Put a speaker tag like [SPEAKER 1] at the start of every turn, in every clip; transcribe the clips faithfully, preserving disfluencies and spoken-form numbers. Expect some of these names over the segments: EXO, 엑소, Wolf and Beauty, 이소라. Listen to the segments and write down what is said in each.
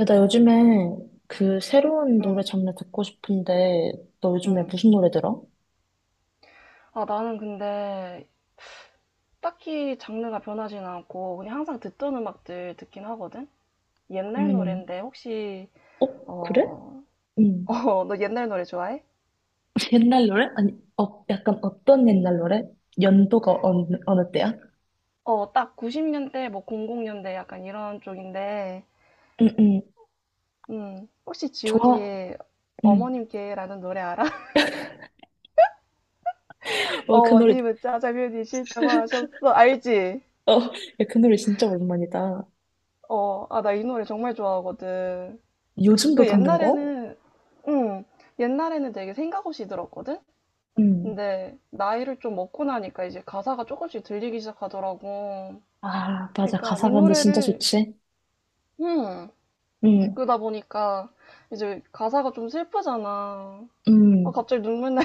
[SPEAKER 1] 야, 나 요즘에 그 새로운 노래
[SPEAKER 2] 응,
[SPEAKER 1] 장르 듣고 싶은데, 너 요즘에
[SPEAKER 2] 응.
[SPEAKER 1] 무슨 노래 들어?
[SPEAKER 2] 아, 나는 근데 딱히 장르가 변하진 않고 그냥 항상 듣던 음악들 듣긴 하거든? 옛날
[SPEAKER 1] 그러면은,
[SPEAKER 2] 노랜데 혹시,
[SPEAKER 1] 어? 그래?
[SPEAKER 2] 어,
[SPEAKER 1] 응.
[SPEAKER 2] 어, 너 옛날 노래 좋아해?
[SPEAKER 1] 옛날 노래? 아니, 어, 약간 어떤 옛날 노래? 연도가 어느, 어느 때야?
[SPEAKER 2] 어, 딱 구십 년대, 뭐 이천 년대 약간 이런 쪽인데,
[SPEAKER 1] 응, 응.
[SPEAKER 2] 음, 혹시 지우디
[SPEAKER 1] 좋아.
[SPEAKER 2] 의
[SPEAKER 1] 응.
[SPEAKER 2] 어머님께라는 노래 알아?
[SPEAKER 1] 와, 그 노래,
[SPEAKER 2] 어머님은 짜장면이 싫다고 하셨어. 알지?
[SPEAKER 1] 어, 야, 그 노래 진짜 오랜만이다.
[SPEAKER 2] 어, 아, 나 이 노래 정말 좋아하거든.
[SPEAKER 1] 요즘도
[SPEAKER 2] 그
[SPEAKER 1] 듣는 거야?
[SPEAKER 2] 옛날에는, 음 옛날에는 되게 생각 없이 들었거든?
[SPEAKER 1] 응.
[SPEAKER 2] 근데 나이를 좀 먹고 나니까 이제 가사가 조금씩 들리기 시작하더라고.
[SPEAKER 1] 아, 맞아.
[SPEAKER 2] 그러니까 이
[SPEAKER 1] 가사가 근데 진짜
[SPEAKER 2] 노래를
[SPEAKER 1] 좋지?
[SPEAKER 2] 음
[SPEAKER 1] 응,
[SPEAKER 2] 그러다 보니까 이제 가사가 좀 슬프잖아. 아,
[SPEAKER 1] 응.
[SPEAKER 2] 갑자기 눈물 나.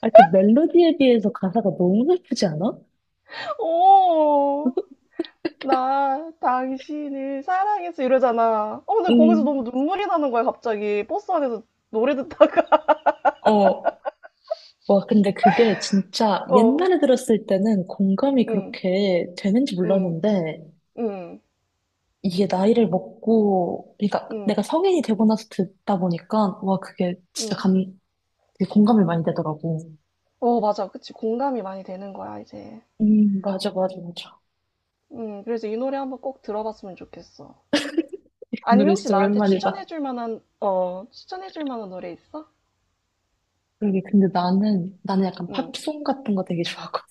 [SPEAKER 1] 아, 그 멜로디에 비해서 가사가 너무 슬프지 않아?
[SPEAKER 2] 오, 나 당신을 사랑했어 이러잖아. 어, 근데 거기서
[SPEAKER 1] 응.
[SPEAKER 2] 너무 눈물이 나는 거야 갑자기 버스 안에서 노래 듣다가.
[SPEAKER 1] 어. 와, 근데 그게 진짜
[SPEAKER 2] 어,
[SPEAKER 1] 옛날에 들었을 때는 공감이
[SPEAKER 2] 응,
[SPEAKER 1] 그렇게 되는지
[SPEAKER 2] 응,
[SPEAKER 1] 몰랐는데,
[SPEAKER 2] 응,
[SPEAKER 1] 이게 나이를 먹고, 그러니까 내가
[SPEAKER 2] 응,
[SPEAKER 1] 성인이 되고 나서 듣다 보니까, 와, 그게 진짜
[SPEAKER 2] 응.
[SPEAKER 1] 감, 되게 공감이 많이 되더라고.
[SPEAKER 2] 어, 맞아, 그치. 공감이 많이 되는 거야 이제.
[SPEAKER 1] 음, 맞아, 맞아, 맞아.
[SPEAKER 2] 음, 그래서 이 노래 한번 꼭 들어봤으면 좋겠어.
[SPEAKER 1] 이
[SPEAKER 2] 아니면
[SPEAKER 1] 노래
[SPEAKER 2] 혹시
[SPEAKER 1] 진짜
[SPEAKER 2] 나한테
[SPEAKER 1] 오랜만이다.
[SPEAKER 2] 추천해줄 만한, 어, 추천해줄 만한 노래 있어?
[SPEAKER 1] 그러게, 근데 나는, 나는 약간
[SPEAKER 2] 응.
[SPEAKER 1] 팝송 같은 거 되게 좋아하거든.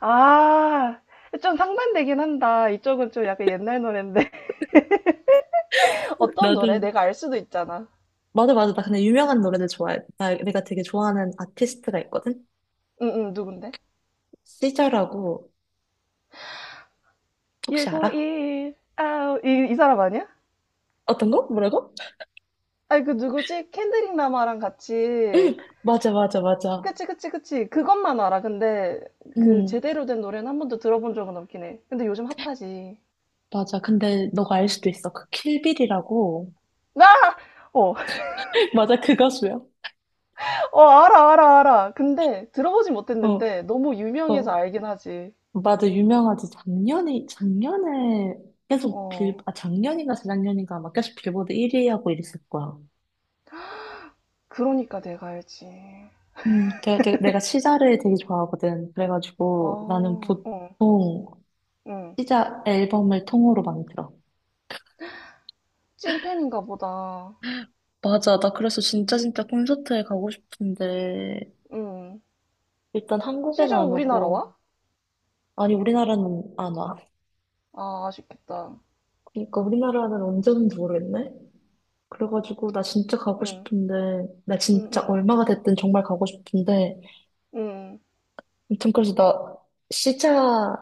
[SPEAKER 2] 아, 좀 상반되긴 한다. 이쪽은 좀 약간 옛날 노래인데. 어떤 노래?
[SPEAKER 1] 나는,
[SPEAKER 2] 내가 알 수도 있잖아.
[SPEAKER 1] 맞아, 맞아. 나 근데 유명한 노래들 좋아해. 나, 내가 되게 좋아하는 아티스트가 있거든?
[SPEAKER 2] 응, 응, 누군데?
[SPEAKER 1] 시절라고 혹시 알아?
[SPEAKER 2] 육오일, 아우, 이, 이 사람 아니야?
[SPEAKER 1] 어떤 거? 뭐라고?
[SPEAKER 2] 아니, 그 누구지? 켄드릭 라마랑 같이.
[SPEAKER 1] 맞아, 맞아, 맞아.
[SPEAKER 2] 그치, 그치, 그치. 그것만 알아. 근데 그
[SPEAKER 1] 음,
[SPEAKER 2] 제대로 된 노래는 한 번도 들어본 적은 없긴 해. 근데 요즘 핫하지.
[SPEAKER 1] 맞아. 근데 너가 알 수도 있어. 그 킬빌이라고.
[SPEAKER 2] 나? 어,
[SPEAKER 1] 맞아, 그 가수야.
[SPEAKER 2] 어, 알아, 알아, 알아. 근데 들어보진
[SPEAKER 1] 어,
[SPEAKER 2] 못했는데 너무 유명해서
[SPEAKER 1] 어.
[SPEAKER 2] 알긴 하지.
[SPEAKER 1] 맞아, 유명하지. 작년에, 작년에 계속 빌,
[SPEAKER 2] 어,
[SPEAKER 1] 아, 작년인가 재작년인가 막 계속 빌보드 일 위 하고 이랬을 거야.
[SPEAKER 2] 그러니까 내가 알지.
[SPEAKER 1] 음, 내가, 내가 내가 시자를 되게 좋아하거든. 그래가지고 나는
[SPEAKER 2] 아, 응,
[SPEAKER 1] 보통
[SPEAKER 2] 응.
[SPEAKER 1] 시자 앨범을 통으로 많이 들어.
[SPEAKER 2] 찐팬인가 보다.
[SPEAKER 1] 맞아, 나 그래서 진짜 진짜 콘서트에 가고 싶은데
[SPEAKER 2] 응.
[SPEAKER 1] 일단 한국에는
[SPEAKER 2] 시저
[SPEAKER 1] 안
[SPEAKER 2] 우리나라 와?
[SPEAKER 1] 오고 아니, 우리나라는 안 와.
[SPEAKER 2] 아, 아쉽겠다.
[SPEAKER 1] 그러니까 우리나라는 언제는지 모르겠네. 그래가지고 나 진짜 가고
[SPEAKER 2] 응,
[SPEAKER 1] 싶은데 나
[SPEAKER 2] 응,
[SPEAKER 1] 진짜
[SPEAKER 2] 응,
[SPEAKER 1] 얼마가 됐든 정말 가고 싶은데
[SPEAKER 2] 응.
[SPEAKER 1] 아무튼 그래서 나 시자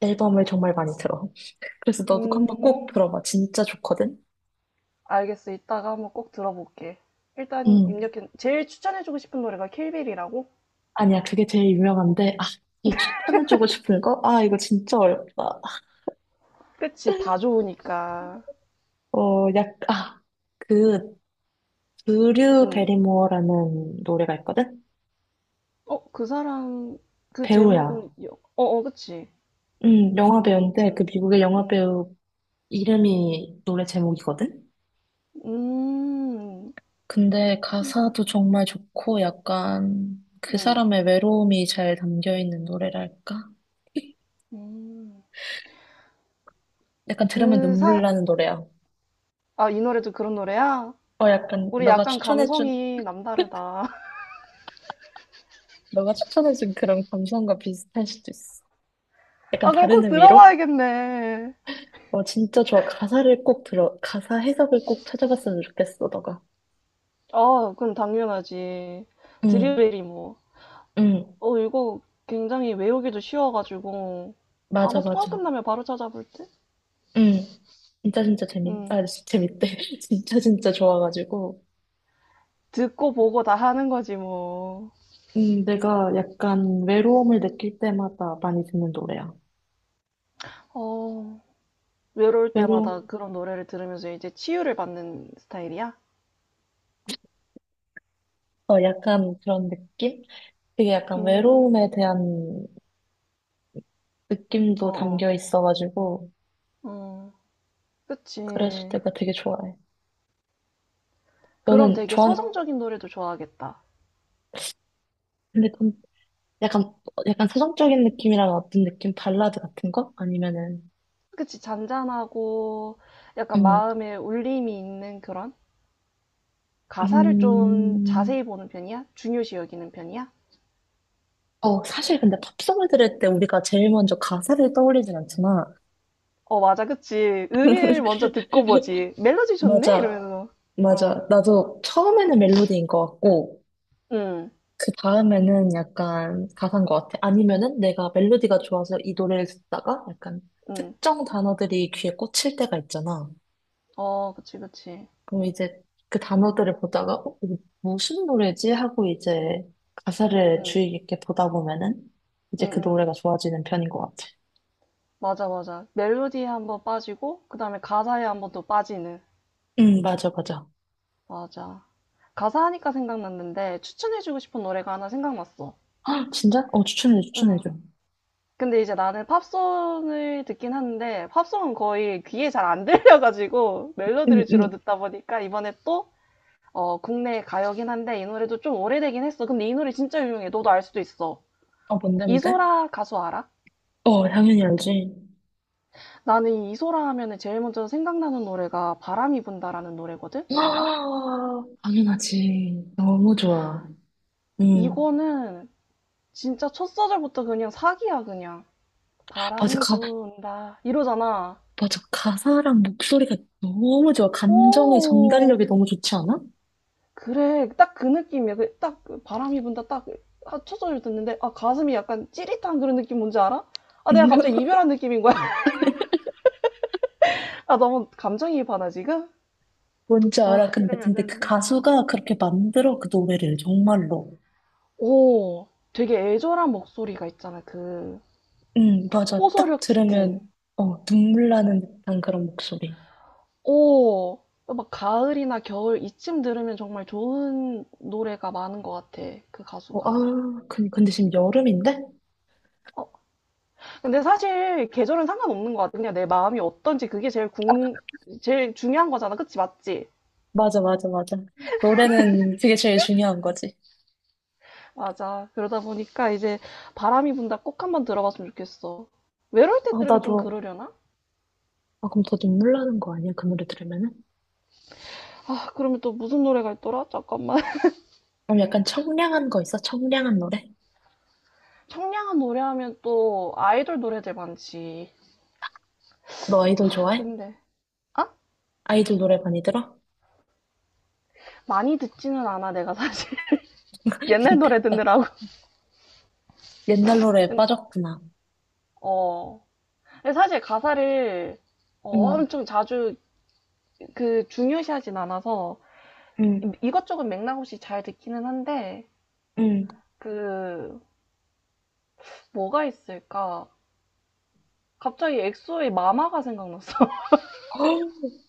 [SPEAKER 1] 앨범을 정말 많이 들어. 그래서 너도 한번 꼭
[SPEAKER 2] 음,
[SPEAKER 1] 들어봐. 진짜 좋거든.
[SPEAKER 2] 알겠어. 이따가 한번 꼭 들어볼게. 일단
[SPEAKER 1] 음.
[SPEAKER 2] 입력해. 제일 추천해주고 싶은 노래가 킬빌이라고?
[SPEAKER 1] 아니야, 그게 제일 유명한데 아, 이 추천해주고 싶은 거? 아, 이거 진짜 어렵다.
[SPEAKER 2] 그치, 다 좋으니까.
[SPEAKER 1] 어, 약, 아, 그, 드류
[SPEAKER 2] 응.
[SPEAKER 1] 베리모어라는 노래가 있거든?
[SPEAKER 2] 어, 그 사람, 그
[SPEAKER 1] 배우야.
[SPEAKER 2] 제목은, 여- 어, 어, 그치.
[SPEAKER 1] 음, 영화 배우인데 그
[SPEAKER 2] 응,
[SPEAKER 1] 미국의 영화
[SPEAKER 2] 응.
[SPEAKER 1] 배우 이름이 노래 제목이거든?
[SPEAKER 2] 음,
[SPEAKER 1] 근데 가사도
[SPEAKER 2] 신기하다.
[SPEAKER 1] 정말 좋고 약간 그
[SPEAKER 2] 응,
[SPEAKER 1] 사람의 외로움이 잘 담겨 있는 노래랄까?
[SPEAKER 2] 음.
[SPEAKER 1] 약간 들으면
[SPEAKER 2] 그
[SPEAKER 1] 눈물
[SPEAKER 2] 사,
[SPEAKER 1] 나는 노래야.
[SPEAKER 2] 아, 이 노래도 그런 노래야?
[SPEAKER 1] 어, 약간
[SPEAKER 2] 우리
[SPEAKER 1] 너가
[SPEAKER 2] 약간
[SPEAKER 1] 추천해준,
[SPEAKER 2] 감성이 남다르다.
[SPEAKER 1] 너가 추천해준 그런 감성과 비슷할 수도 있어. 약간
[SPEAKER 2] 아, 그럼
[SPEAKER 1] 다른
[SPEAKER 2] 꼭
[SPEAKER 1] 의미로?
[SPEAKER 2] 들어봐야겠네.
[SPEAKER 1] 어, 진짜 좋아. 가사를 꼭 들어, 가사 해석을 꼭 찾아봤으면 좋겠어, 너가.
[SPEAKER 2] 아, 그럼 당연하지.
[SPEAKER 1] 응,
[SPEAKER 2] 드릴베리 뭐.
[SPEAKER 1] 응.
[SPEAKER 2] 어, 이거 굉장히 외우기도 쉬워가지고. 아마
[SPEAKER 1] 맞아,
[SPEAKER 2] 통화
[SPEAKER 1] 맞아.
[SPEAKER 2] 끝나면 바로 찾아볼 듯?
[SPEAKER 1] 응. 진짜 진짜 재밌,
[SPEAKER 2] 응.
[SPEAKER 1] 아, 진- 재밌대. 진짜 진짜 좋아가지고.
[SPEAKER 2] 듣고 보고 다 하는 거지, 뭐.
[SPEAKER 1] 음, 내가 약간 외로움을 느낄 때마다 많이 듣는 노래야.
[SPEAKER 2] 어, 외로울 때마다
[SPEAKER 1] 외로,
[SPEAKER 2] 그런 노래를 들으면서 이제 치유를 받는 스타일이야?
[SPEAKER 1] 어, 약간 그런 느낌? 되게 약간
[SPEAKER 2] 음,
[SPEAKER 1] 외로움에 대한 느낌도
[SPEAKER 2] 어어,
[SPEAKER 1] 담겨 있어가지고.
[SPEAKER 2] 어, 어. 응. 그치.
[SPEAKER 1] 그래서 내가 되게 좋아해.
[SPEAKER 2] 그럼
[SPEAKER 1] 너는
[SPEAKER 2] 되게
[SPEAKER 1] 좋아,
[SPEAKER 2] 서정적인 노래도 좋아하겠다.
[SPEAKER 1] 근데 좀 약간, 약간 서정적인 느낌이랑 어떤 느낌? 발라드 같은 거? 아니면은,
[SPEAKER 2] 그치, 잔잔하고 약간
[SPEAKER 1] 음,
[SPEAKER 2] 마음에 울림이 있는 그런? 가사를 좀
[SPEAKER 1] 음,
[SPEAKER 2] 자세히 보는 편이야? 중요시 여기는 편이야?
[SPEAKER 1] 어, 사실 근데 팝송을 들을 때 우리가 제일 먼저 가사를 떠올리진 않잖아.
[SPEAKER 2] 어, 맞아, 그치. 음일 먼저 듣고 보지. 멜로디 좋네?
[SPEAKER 1] 맞아.
[SPEAKER 2] 이러면서. 어,
[SPEAKER 1] 맞아. 나도 처음에는 멜로디인 것 같고,
[SPEAKER 2] 응,
[SPEAKER 1] 그 다음에는 약간 가사인 것 같아. 아니면은 내가 멜로디가 좋아서 이 노래를 듣다가 약간
[SPEAKER 2] 응.
[SPEAKER 1] 특정 단어들이 귀에 꽂힐 때가 있잖아.
[SPEAKER 2] 어, 그치, 그치.
[SPEAKER 1] 그럼 이제 그 단어들을 보다가, 어, 이거 무슨 노래지? 하고 이제 가사를
[SPEAKER 2] 응,
[SPEAKER 1] 주의 깊게 보다 보면은
[SPEAKER 2] 응,
[SPEAKER 1] 이제 그
[SPEAKER 2] 응.
[SPEAKER 1] 노래가 좋아지는 편인 것 같아.
[SPEAKER 2] 맞아, 맞아. 멜로디에 한번 빠지고, 그 다음에 가사에 한번 또 빠지는.
[SPEAKER 1] 응, 맞아, 맞아.
[SPEAKER 2] 맞아. 가사 하니까 생각났는데, 추천해주고 싶은 노래가 하나 생각났어.
[SPEAKER 1] 아, 진짜? 어, 추천해,
[SPEAKER 2] 응.
[SPEAKER 1] 추천해줘.
[SPEAKER 2] 근데 이제 나는 팝송을 듣긴 하는데 팝송은 거의 귀에 잘 안 들려가지고
[SPEAKER 1] 응,
[SPEAKER 2] 멜로디를 주로
[SPEAKER 1] 응.
[SPEAKER 2] 듣다 보니까 이번에 또 어, 국내 가요긴 한데 이 노래도 좀 오래되긴 했어. 근데 이 노래 진짜 유명해. 너도 알 수도 있어.
[SPEAKER 1] 아, 뭔데, 뭔데?
[SPEAKER 2] 이소라 가수 알아?
[SPEAKER 1] 어, 당연히 알지.
[SPEAKER 2] 나는 이 이소라 하면은 제일 먼저 생각나는 노래가 바람이 분다라는 노래거든? 알아?
[SPEAKER 1] 와, 당연하지. 너무 좋아. 응.
[SPEAKER 2] 이거는 진짜 첫 소절부터 그냥 사기야, 그냥.
[SPEAKER 1] 맞아,
[SPEAKER 2] 바람이
[SPEAKER 1] 가,
[SPEAKER 2] 분다. 이러잖아.
[SPEAKER 1] 맞아. 가사랑 목소리가 너무 좋아. 감정의 전달력이
[SPEAKER 2] 오,
[SPEAKER 1] 너무 좋지 않아?
[SPEAKER 2] 그래, 딱 그 느낌이야. 그, 딱 그 바람이 분다, 딱 그- 아, 첫소를 듣는데, 아, 가슴이 약간 찌릿한 그런 느낌 뭔지 알아? 아, 내가
[SPEAKER 1] 응,
[SPEAKER 2] 갑자기 이별한 느낌인 거야. 아, 너무 감정이입하나, 지금?
[SPEAKER 1] 뭔지 알아.
[SPEAKER 2] 아,
[SPEAKER 1] 근데,
[SPEAKER 2] 이러면 안
[SPEAKER 1] 근데 그
[SPEAKER 2] 되는데.
[SPEAKER 1] 가수가 그렇게 만들어, 그 노래를, 정말로.
[SPEAKER 2] 오, 되게 애절한 목소리가 있잖아, 그,
[SPEAKER 1] 응, 맞아. 딱
[SPEAKER 2] 호소력
[SPEAKER 1] 들으면,
[SPEAKER 2] 짙은.
[SPEAKER 1] 어, 눈물 나는 듯한 그런 목소리.
[SPEAKER 2] 오, 막 가을이나 겨울 이쯤 들으면 정말 좋은 노래가 많은 것 같아, 그
[SPEAKER 1] 어,
[SPEAKER 2] 가수가.
[SPEAKER 1] 아, 근- 근데 지금 여름인데?
[SPEAKER 2] 어, 근데 사실 계절은 상관없는 것 같아. 그냥 내 마음이 어떤지 그게 제일 궁, 제일 중요한 거잖아. 그치, 맞지?
[SPEAKER 1] 맞아, 맞아, 맞아. 노래는 그게 제일 중요한 거지.
[SPEAKER 2] 맞아. 그러다 보니까 이제 바람이 분다 꼭 한번 들어봤으면 좋겠어. 외로울 때
[SPEAKER 1] 어,
[SPEAKER 2] 들으면 좀
[SPEAKER 1] 나도,
[SPEAKER 2] 그러려나?
[SPEAKER 1] 아, 그럼 더 눈물 나는 거 아니야? 그 노래 들으면은?
[SPEAKER 2] 아, 그러면 또 무슨 노래가 있더라? 잠깐만.
[SPEAKER 1] 그럼 약간 청량한 거 있어? 청량한 노래?
[SPEAKER 2] 청량한 노래 하면 또 아이돌 노래들 많지.
[SPEAKER 1] 너 아이돌
[SPEAKER 2] 아,
[SPEAKER 1] 좋아해?
[SPEAKER 2] 근데, 아?
[SPEAKER 1] 아이돌 노래 많이 들어?
[SPEAKER 2] 많이 듣지는 않아, 내가 사실. 옛날 노래
[SPEAKER 1] 나
[SPEAKER 2] 듣느라고.
[SPEAKER 1] 옛날 노래에
[SPEAKER 2] 근-
[SPEAKER 1] 빠졌구나.
[SPEAKER 2] 어. 근데 사실 가사를 어,
[SPEAKER 1] 응,
[SPEAKER 2] 엄청 자주 그 중요시하진 않아서
[SPEAKER 1] 응,
[SPEAKER 2] 이것저것 맥락 없이 잘 듣기는 한데,
[SPEAKER 1] 응.
[SPEAKER 2] 그, 뭐가 있을까? 갑자기 엑소의 마마가 생각났어.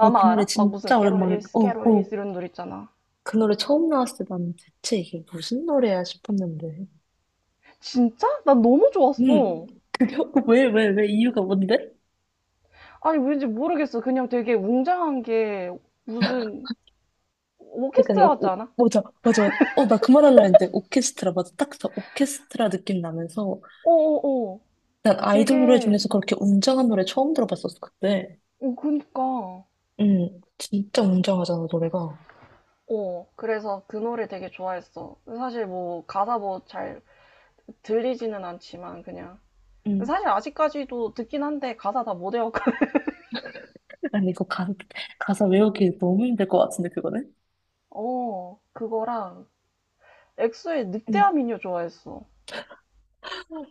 [SPEAKER 1] 아 그 노래
[SPEAKER 2] 알아? 막 무슨
[SPEAKER 1] 진짜 오랜만이다.
[SPEAKER 2] 캐롤리스,
[SPEAKER 1] 어, 어.
[SPEAKER 2] 캐롤리스 이런 노래 있잖아.
[SPEAKER 1] 그 노래 처음 나왔을 때 나는 대체 이게 무슨 노래야 싶었는데.
[SPEAKER 2] 진짜? 난 너무
[SPEAKER 1] 응.
[SPEAKER 2] 좋았어.
[SPEAKER 1] 그게, 왜, 왜, 왜? 이유가 뭔데?
[SPEAKER 2] 아니, 왠지 모르겠어. 그냥 되게 웅장한 게 무슨
[SPEAKER 1] 그러니까
[SPEAKER 2] 오케스트라 같지
[SPEAKER 1] 오, 오,
[SPEAKER 2] 않아?
[SPEAKER 1] 맞아 맞아 어 나 그 말 하려 했는데 오케스트라 맞아 딱저 오케스트라 느낌 나면서
[SPEAKER 2] 어어어.
[SPEAKER 1] 난 아이돌 노래
[SPEAKER 2] 되게,
[SPEAKER 1] 중에서 그렇게 웅장한 노래 처음 들어봤었어 그때
[SPEAKER 2] 어, 그니까.
[SPEAKER 1] 응 진짜 웅장하잖아 노래가
[SPEAKER 2] 어, 그래서 그 노래 되게 좋아했어. 사실 뭐 가사 뭐 잘 들리지는 않지만 그냥.
[SPEAKER 1] 응
[SPEAKER 2] 사실 아직까지도 듣긴 한데 가사 다 못 외웠거든.
[SPEAKER 1] 아니 이거 가, 가사 외우기 너무 힘들 것 같은데 그거는
[SPEAKER 2] 어, 그거랑 엑소의
[SPEAKER 1] 응
[SPEAKER 2] 늑대와 미녀 좋아했어.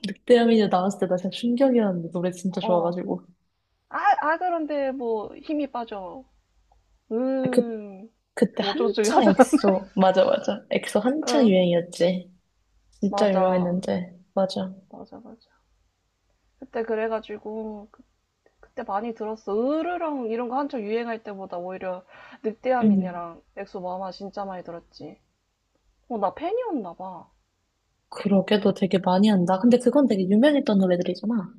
[SPEAKER 1] 늑대여미녀 나왔을 때 나 진짜 충격이었는데 노래 진짜
[SPEAKER 2] 어,
[SPEAKER 1] 좋아가지고
[SPEAKER 2] 아, 아, 그런데 뭐 힘이 빠져.
[SPEAKER 1] 그
[SPEAKER 2] 음,
[SPEAKER 1] 그때
[SPEAKER 2] 뭐 어쩌지
[SPEAKER 1] 한창
[SPEAKER 2] 하자.
[SPEAKER 1] 엑소 맞아 맞아 엑소 한창
[SPEAKER 2] 응,
[SPEAKER 1] 유행이었지 진짜
[SPEAKER 2] 맞아.
[SPEAKER 1] 유명했는데 맞아
[SPEAKER 2] 맞아, 맞아. 그때 그래가지고, 그- 그때 많이 들었어. 으르렁 이런 거 한창 유행할 때보다 오히려 늑대와
[SPEAKER 1] 응
[SPEAKER 2] 미녀랑 엑소 마마 진짜 많이 들었지. 어, 나 팬이었나 봐.
[SPEAKER 1] 그러게, 너 되게 많이 한다. 근데 그건 되게 유명했던 노래들이잖아.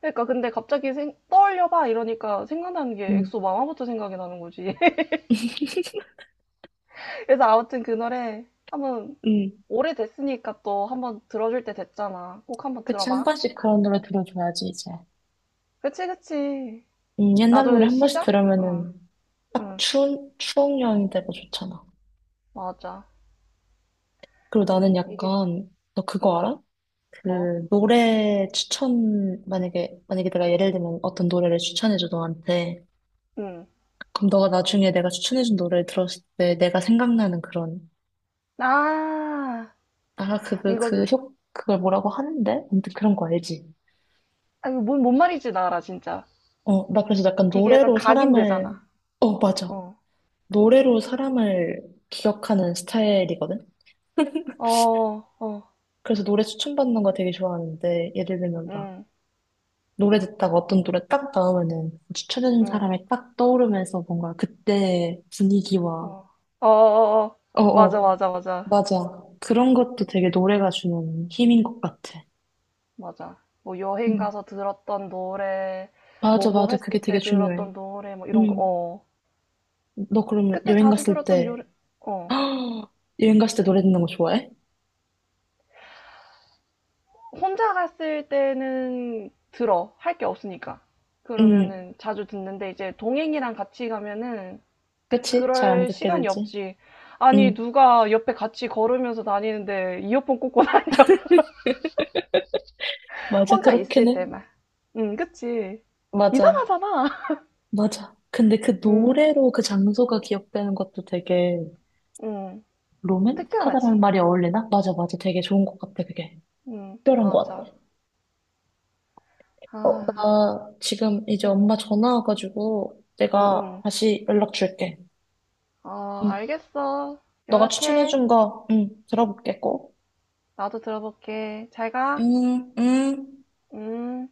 [SPEAKER 2] 그러니까 근데 갑자기 생- 떠올려봐 이러니까 생각나는 게
[SPEAKER 1] 응,
[SPEAKER 2] 엑소 마마부터 생각이 나는 거지. 그래서 아무튼 그 노래 한번
[SPEAKER 1] 응,
[SPEAKER 2] 오래됐으니까 또 한번 들어줄 때 됐잖아. 꼭 한번
[SPEAKER 1] 그치, 한
[SPEAKER 2] 들어봐.
[SPEAKER 1] 번씩 그런 노래 들어줘야지, 이제.
[SPEAKER 2] 그치, 그치.
[SPEAKER 1] 음, 옛날 노래
[SPEAKER 2] 나도
[SPEAKER 1] 한 번씩
[SPEAKER 2] 시작? 응,
[SPEAKER 1] 들으면은 딱
[SPEAKER 2] 응,
[SPEAKER 1] 추운, 추억 여행이 되고 좋잖아.
[SPEAKER 2] 맞아.
[SPEAKER 1] 그리고 나는
[SPEAKER 2] 이게,
[SPEAKER 1] 약간, 너 그거
[SPEAKER 2] 응,
[SPEAKER 1] 알아?
[SPEAKER 2] 뭐,
[SPEAKER 1] 그, 노래 추천, 만약에, 만약에 내가 예를 들면 어떤 노래를 추천해줘, 너한테.
[SPEAKER 2] 응.
[SPEAKER 1] 그럼 너가 나중에 내가 추천해준 노래를 들었을 때 내가 생각나는 그런,
[SPEAKER 2] 아,
[SPEAKER 1] 아, 그, 그,
[SPEAKER 2] 이거,
[SPEAKER 1] 그 효, 그걸 뭐라고 하는데? 아무튼 그런 거 알지?
[SPEAKER 2] 아, 이거 뭔, 뭔 말인지 나 알아, 진짜.
[SPEAKER 1] 어, 나 그래서 약간
[SPEAKER 2] 이게 약간
[SPEAKER 1] 노래로 사람을,
[SPEAKER 2] 각인되잖아.
[SPEAKER 1] 어, 맞아.
[SPEAKER 2] 어,
[SPEAKER 1] 노래로 사람을 기억하는 스타일이거든?
[SPEAKER 2] 어, 어,
[SPEAKER 1] 그래서 노래 추천받는 거 되게 좋아하는데, 예를 들면 막,
[SPEAKER 2] 응,
[SPEAKER 1] 노래 듣다가 어떤 노래 딱 나오면은, 추천해준
[SPEAKER 2] 응,
[SPEAKER 1] 사람이 딱 떠오르면서 뭔가 그때
[SPEAKER 2] 어,
[SPEAKER 1] 분위기와,
[SPEAKER 2] 어, 어, 어. 어. 맞아,
[SPEAKER 1] 어어,
[SPEAKER 2] 맞아, 맞아,
[SPEAKER 1] 맞아. 그런 것도 되게 노래가 주는 힘인 것 같아.
[SPEAKER 2] 맞아. 뭐 여행
[SPEAKER 1] 음.
[SPEAKER 2] 가서 들었던 노래,
[SPEAKER 1] 맞아,
[SPEAKER 2] 뭐뭐
[SPEAKER 1] 맞아. 그게
[SPEAKER 2] 했을
[SPEAKER 1] 되게
[SPEAKER 2] 때
[SPEAKER 1] 중요해.
[SPEAKER 2] 들었던 노래, 뭐 이런 거,
[SPEAKER 1] 음.
[SPEAKER 2] 어.
[SPEAKER 1] 너 그러면
[SPEAKER 2] 그때
[SPEAKER 1] 여행
[SPEAKER 2] 자주
[SPEAKER 1] 갔을
[SPEAKER 2] 들었던
[SPEAKER 1] 때,
[SPEAKER 2] 노래, 어.
[SPEAKER 1] 여행 갔을 때 노래 듣는 거 좋아해?
[SPEAKER 2] 혼자 갔을 때는 들어. 할 게 없으니까.
[SPEAKER 1] 응.
[SPEAKER 2] 그러면은 자주 듣는데 이제 동행이랑 같이 가면은
[SPEAKER 1] 그치? 잘 안
[SPEAKER 2] 그럴
[SPEAKER 1] 듣게
[SPEAKER 2] 시간이
[SPEAKER 1] 되지.
[SPEAKER 2] 없지. 아니,
[SPEAKER 1] 응,
[SPEAKER 2] 누가 옆에 같이 걸으면서 다니는데 이어폰 꽂고 다니,
[SPEAKER 1] 맞아.
[SPEAKER 2] 혼자
[SPEAKER 1] 그렇긴
[SPEAKER 2] 있을
[SPEAKER 1] 해.
[SPEAKER 2] 때만. 응, 그치.
[SPEAKER 1] 맞아.
[SPEAKER 2] 이상하잖아.
[SPEAKER 1] 맞아. 근데 그
[SPEAKER 2] 응,
[SPEAKER 1] 노래로 그 장소가 기억되는 것도 되게
[SPEAKER 2] 응.
[SPEAKER 1] 로맨틱하다라는
[SPEAKER 2] 특별하지.
[SPEAKER 1] 말이 어울리나? 맞아, 맞아. 되게 좋은 것 같아, 그게.
[SPEAKER 2] 응,
[SPEAKER 1] 특별한 것
[SPEAKER 2] 맞아.
[SPEAKER 1] 같아. 어,
[SPEAKER 2] 아,
[SPEAKER 1] 나 지금 이제
[SPEAKER 2] 응,
[SPEAKER 1] 엄마 전화 와가지고
[SPEAKER 2] 응,
[SPEAKER 1] 내가
[SPEAKER 2] 응.
[SPEAKER 1] 다시 연락 줄게.
[SPEAKER 2] 아
[SPEAKER 1] 응.
[SPEAKER 2] 알겠어.
[SPEAKER 1] 너가
[SPEAKER 2] 연락해.
[SPEAKER 1] 추천해준 거, 응, 들어볼게, 꼭.
[SPEAKER 2] 나도 들어볼게. 잘 가.
[SPEAKER 1] 응, 응.
[SPEAKER 2] 음.